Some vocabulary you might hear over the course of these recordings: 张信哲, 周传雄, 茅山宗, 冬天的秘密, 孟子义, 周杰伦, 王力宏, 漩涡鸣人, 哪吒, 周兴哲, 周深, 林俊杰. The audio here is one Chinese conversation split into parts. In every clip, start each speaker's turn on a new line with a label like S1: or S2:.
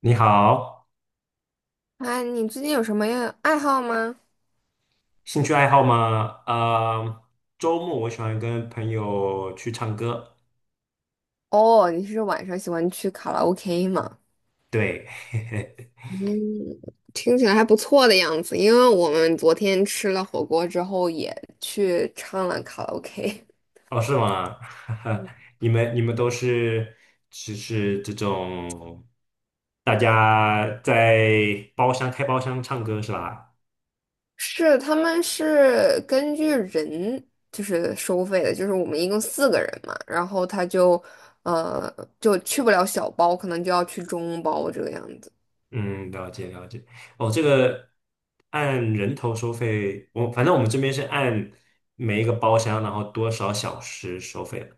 S1: 你好，
S2: 哎，你最近有什么样爱好吗？
S1: 兴趣爱好吗？周末我喜欢跟朋友去唱歌。
S2: 哦，你是晚上喜欢去卡拉 OK 吗？
S1: 对，
S2: 嗯，听起来还不错的样子。因为我们昨天吃了火锅之后，也去唱了卡拉 OK。
S1: 哦，是吗？你们都是只是这种，大家在包厢开包厢唱歌是吧？
S2: 是，他们是根据人就是收费的，就是我们一共四个人嘛，然后他就呃就去不了小包，可能就要去中包这个样子。
S1: 嗯，了解了解。哦，这个按人头收费，我反正我们这边是按每一个包厢，然后多少小时收费的，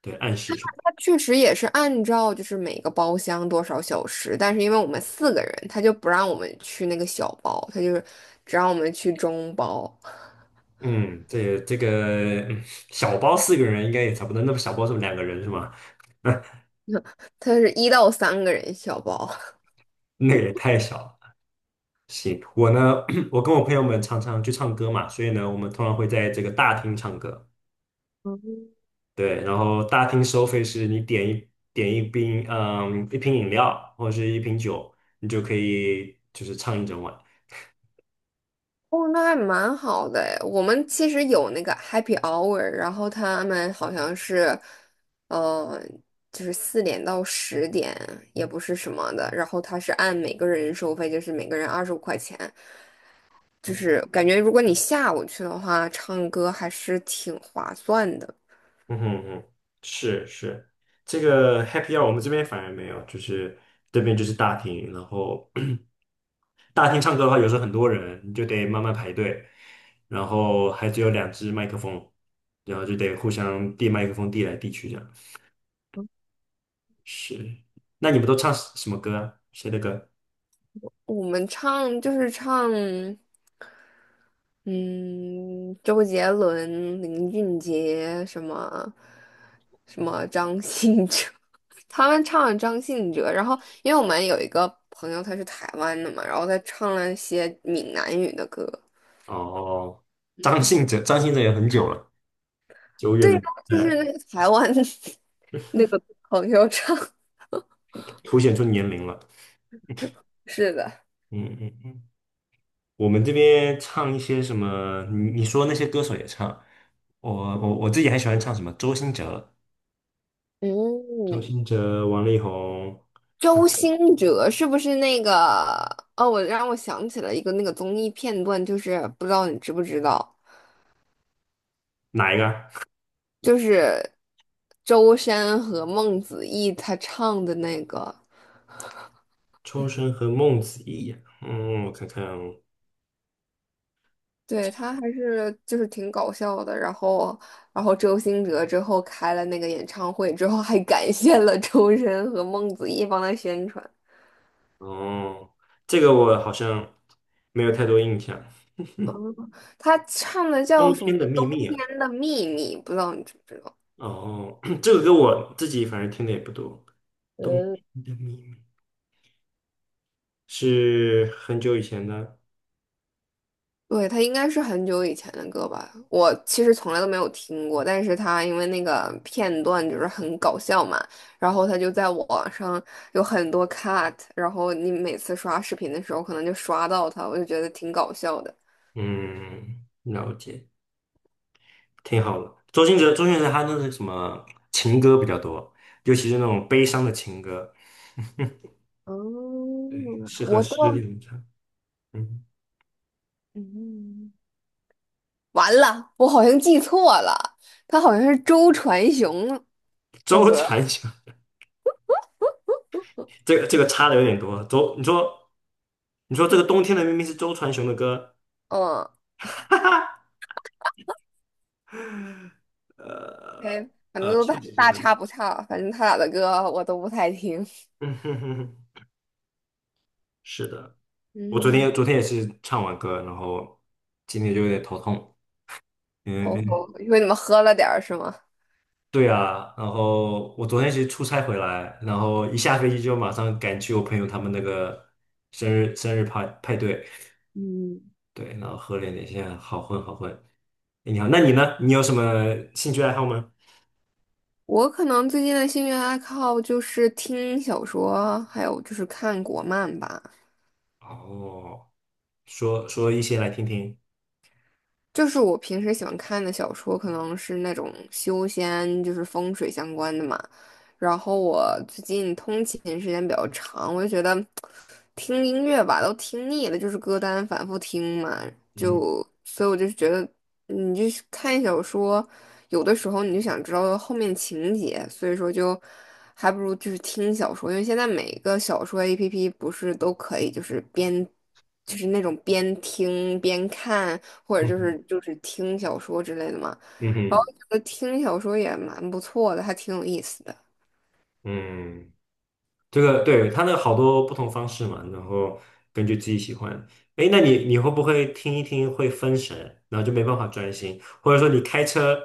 S1: 对，按时。
S2: 确实也是按照就是每个包厢多少小时，但是因为我们四个人，他就不让我们去那个小包，他就是只让我们去中包，
S1: 嗯，这也这个嗯小包四个人应该也差不多，那么小包是两个人是吗？
S2: 他是1到3个人小包。
S1: 那个也太小了。行，我呢，我跟我朋友们常常去唱歌嘛，所以呢，我们通常会在这个大厅唱歌。对，然后大厅收费是你点一瓶，嗯，一瓶饮料或者是一瓶酒，你就可以就是唱一整晚。
S2: 哦，那还蛮好的诶我们其实有那个 happy hour，然后他们好像是，呃，就是4点到10点，也不是什么的，然后他是按每个人收费，就是每个人25块钱。就是感觉如果你下午去的话，唱歌还是挺划算的。
S1: 嗯哼哼，是是，这个 happy hour 我们这边反而没有，就是这边就是大厅，然后 大厅唱歌的话，有时候很多人，你就得慢慢排队，然后还只有两只麦克风，然后就得互相递麦克风，递来递去这样。是，那你们都唱什么歌啊？谁的歌？
S2: 我们唱就是唱，嗯，周杰伦、林俊杰什么张信哲，他们唱了张信哲，然后因为我们有一个朋友他是台湾的嘛，然后他唱了一些闽南语的歌，
S1: 哦，张信哲，张信哲也很久了，久远
S2: 对
S1: 的
S2: 呀，
S1: 年
S2: 就是那
S1: 代
S2: 个台湾 那个朋友唱，
S1: 凸显出年龄了。
S2: 是的，
S1: 嗯嗯嗯，我们这边唱一些什么？你说那些歌手也唱，我我自己还喜欢唱什么？周兴哲、
S2: 嗯。
S1: 周兴哲、王力宏，
S2: 周兴哲是不是那个？哦，我让我想起了一个那个综艺片段，就是不知道你知不知道，
S1: 哪一个啊？
S2: 就是周深和孟子义他唱的那个，
S1: 抽生和孟子义，嗯，我看看哦，
S2: 对，他还是就是挺搞笑的。然后周兴哲之后开了那个演唱会之后，还感谢了周深和孟子义帮他宣传。
S1: 哦，这个我好像没有太多印象。
S2: 他唱的
S1: 冬
S2: 叫什么
S1: 天的秘密
S2: 《冬
S1: 啊，
S2: 天的秘密》，不知道你知不知道？
S1: 哦，这个歌我自己反正听的也不多。冬天的秘密是很久以前的，
S2: 对，他应该是很久以前的歌吧，我其实从来都没有听过，但是他因为那个片段就是很搞笑嘛，然后他就在网上有很多 cut，然后你每次刷视频的时候可能就刷到他，我就觉得挺搞笑的。
S1: 嗯，了解，挺好的。周兴哲，周兴哲他那是什么情歌比较多，尤其是那种悲伤的情歌，
S2: 哦，
S1: 对，适合
S2: 我倒
S1: 失
S2: 是
S1: 恋唱。嗯，
S2: 嗯，完了，我好像记错了，他好像是周传雄的
S1: 周
S2: 歌儿
S1: 传雄，这个这个差的有点多。周，你说这个冬天的明明是周传雄的歌，
S2: 嗯，
S1: 哈哈，呃
S2: 对，反正都大
S1: 确实是
S2: 大
S1: 的，
S2: 差不差，反正他俩的歌我都不太听。
S1: 嗯哼哼哼，是的。我昨
S2: 嗯，
S1: 天昨天也是唱完歌，然后今天就有点头痛。嗯
S2: 哦，
S1: 嗯，
S2: 因为你们喝了点儿是吗？
S1: 对啊。然后我昨天其实出差回来，然后一下飞机就马上赶去我朋友他们那个生日派对，
S2: 嗯，
S1: 对，然后喝了点现在好混。哎，你好，那你呢？你有什么兴趣爱好吗？
S2: 我可能最近的兴趣爱好就是听小说，还有就是看国漫吧。
S1: 哦。说说一些来听听。
S2: 就是我平时喜欢看的小说，可能是那种修仙，就是风水相关的嘛。然后我最近通勤时间比较长，我就觉得听音乐吧都听腻了，就是歌单反复听嘛，
S1: 嗯
S2: 就所以我就觉得你就是看小说，有的时候你就想知道后面情节，所以说就还不如就是听小说，因为现在每个小说 APP 不是都可以就是边就是那种边听边看，或者
S1: 嗯
S2: 就
S1: 哼
S2: 是就是听小说之类的嘛。
S1: 嗯
S2: 然后
S1: 哼
S2: 觉得听小说也蛮不错的，还挺有意思的。
S1: 嗯，这个对，它那好多不同方式嘛，然后根据自己喜欢。哎，那你你会不会听一听会分神，然后就没办法专心，或者说你开车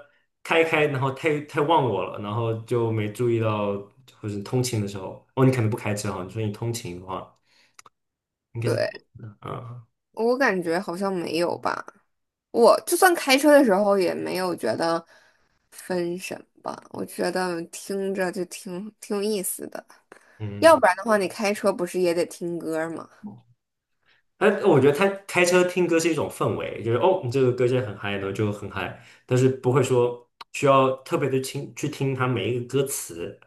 S1: 开一开，然后太忘我了，然后就没注意到，或者通勤的时候，哦，你可能不开车哈，你说你通勤的话，应该是，
S2: 对，
S1: 嗯
S2: 我感觉好像没有吧。我就算开车的时候也没有觉得分神吧，我觉得听着就挺有意思的。要不
S1: 嗯
S2: 然的话，你开车不是也得听歌儿吗？
S1: 但我觉得他开车听歌是一种氛围，就是哦，你这个歌现在很嗨呢，就很嗨，但是不会说需要特别的听去听它每一个歌词。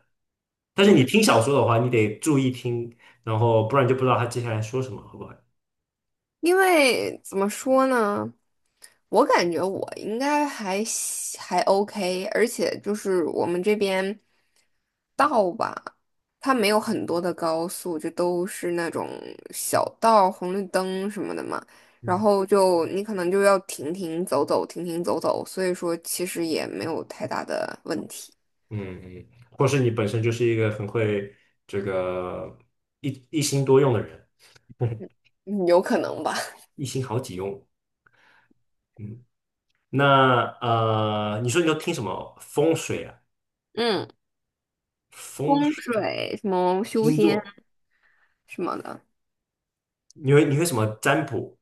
S1: 但是你
S2: 嗯
S1: 听小说的话，你得注意听，然后不然就不知道他接下来说什么，好不好？
S2: 因为怎么说呢？我感觉我应该还行还 OK，而且就是我们这边道吧，它没有很多的高速，就都是那种小道、红绿灯什么的嘛。然
S1: 嗯
S2: 后就你可能就要停停走走，停停走走，所以说其实也没有太大的问题，
S1: 嗯嗯，或是你本身就是一个很会这个一心多用的人，
S2: 嗯有可能吧。
S1: 一心好几用。嗯，那你说你都听什么风水啊？
S2: 嗯，
S1: 风
S2: 风
S1: 水
S2: 水什么修
S1: 星
S2: 仙
S1: 座，
S2: 什么的。
S1: 你会什么占卜？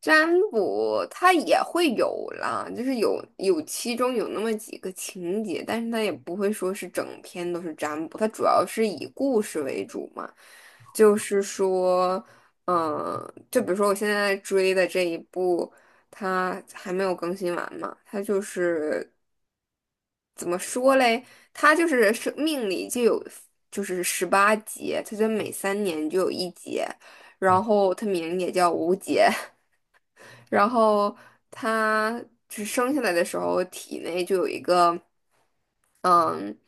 S2: 占卜它也会有啦，就是有其中有那么几个情节，但是它也不会说是整篇都是占卜，它主要是以故事为主嘛。就是说，嗯，就比如说我现在追的这一部，它还没有更新完嘛，它就是怎么说嘞？它就是生命里就有就是18节，它就每3年就有一节，然
S1: 嗯，
S2: 后它名也叫无节。然后它只生下来的时候，体内就有一个嗯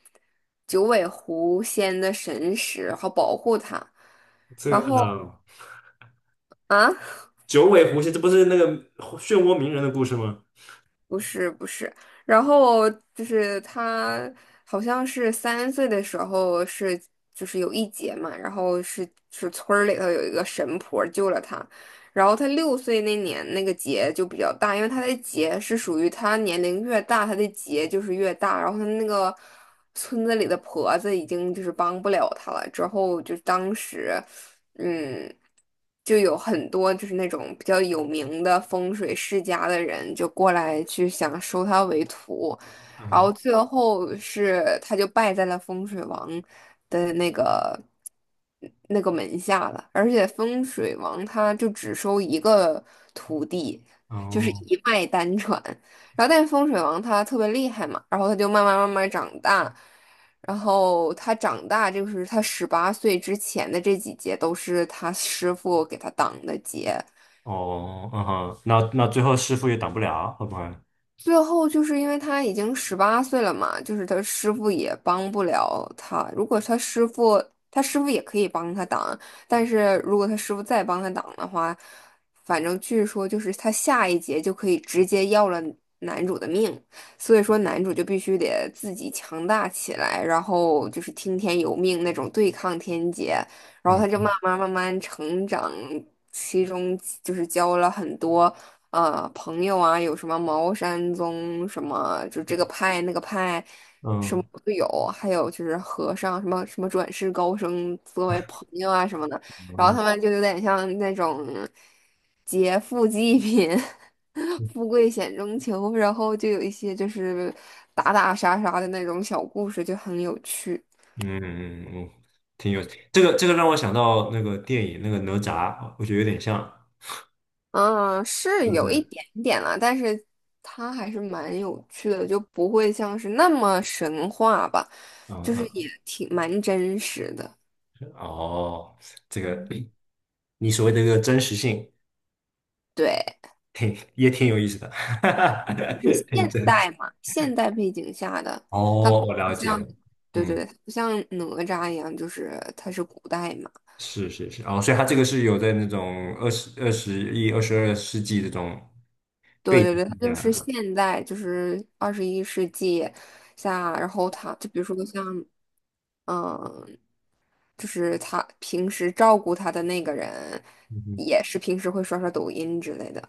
S2: 九尾狐仙的神识，好保护他。
S1: 这
S2: 然
S1: 个
S2: 后
S1: 呃，
S2: 啊，
S1: 九尾狐仙，这不是那个漩涡鸣人的故事吗？
S2: 不是不是，然后就是他好像是3岁的时候是就是有一劫嘛，然后是村儿里头有一个神婆救了他。然后他6岁那年那个劫就比较大，因为他的劫是属于他年龄越大，他的劫就是越大。然后他那个村子里的婆子已经就是帮不了他了，之后就当时，嗯，就有很多就是那种比较有名的风水世家的人就过来去想收他为徒。然
S1: 嗯，
S2: 后最后是他就败在了风水王的那个门下了，而且风水王他就只收一个徒弟，就是
S1: 哦，
S2: 一脉单传。然后但是风水王他特别厉害嘛，然后他就慢慢慢慢长大，然后他长大就是他十八岁之前的这几节都是他师傅给他挡的劫。
S1: 哦，嗯哼，那最后师傅也挡不了，会不会？
S2: 最后就是因为他已经十八岁了嘛，就是他师傅也帮不了他。如果他师傅，他师傅也可以帮他挡，但是如果他师傅再帮他挡的话，反正据说就是他下一劫就可以直接要了男主的命，所以说男主就必须得自己强大起来，然后就是听天由命那种对抗天劫，然后他就
S1: 嗯
S2: 慢慢慢慢成长，其中就是教了很多。朋友啊，有什么茅山宗什么，就这个派那个派，什么
S1: 嗯
S2: 都有，还有就是和尚什么转世高僧作为朋友啊什么的，然后
S1: 嗯
S2: 他们就有点像那种劫富济贫。
S1: 嗯
S2: 富贵险中求，然后就有一些就是打打杀杀的那种小故事，就很有趣。
S1: 嗯，嗯，挺有这个让我想到那个电影那个哪吒，我觉得有点像，
S2: 嗯，是
S1: 是不
S2: 有一
S1: 是？
S2: 点点啦，但是它还是蛮有趣的，就不会像是那么神话吧，就是
S1: 嗯
S2: 也挺蛮真实的。
S1: 嗯，哦，这个
S2: 嗯，
S1: 你所谓的这个真实性，
S2: 对，
S1: 挺也挺有意思的，哈哈哈
S2: 是
S1: 挺
S2: 现
S1: 真实。
S2: 代嘛，现代背景下的，它不
S1: 哦，我了
S2: 是
S1: 解
S2: 像，
S1: 了，
S2: 对对，
S1: 嗯。
S2: 对，不像哪吒一样，就是它是古代嘛，
S1: 是是是，哦，所以他这个是有在那种二十、21、22世纪这种
S2: 对
S1: 背
S2: 对
S1: 景
S2: 对，它
S1: 之
S2: 就
S1: 下
S2: 是
S1: 啊，
S2: 现代，就是21世纪下，然后它就比如说像，嗯、就是他平时照顾他的那个人，
S1: 嗯哼
S2: 也是平时会刷刷抖音之类的。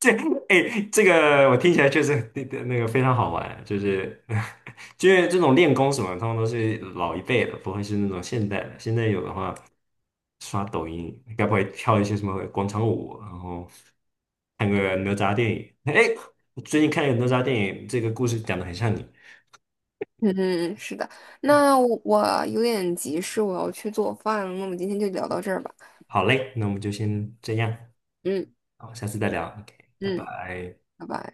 S1: 这哎，这个我听起来确实那个非常好玩，就是 就是这种练功什么，他们都是老一辈的，不会是那种现代的。现在有的话，刷抖音，该不会跳一些什么广场舞，然后看个哪吒电影？哎，我最近看了个哪吒电影，这个故事讲的很像你。
S2: 嗯，嗯，是的。那我有点急事，我要去做饭了。那我们今天就聊到这儿吧。
S1: 好嘞，那我们就先这样。
S2: 嗯
S1: 好，下次再聊，OK，拜
S2: 嗯，
S1: 拜。
S2: 拜拜。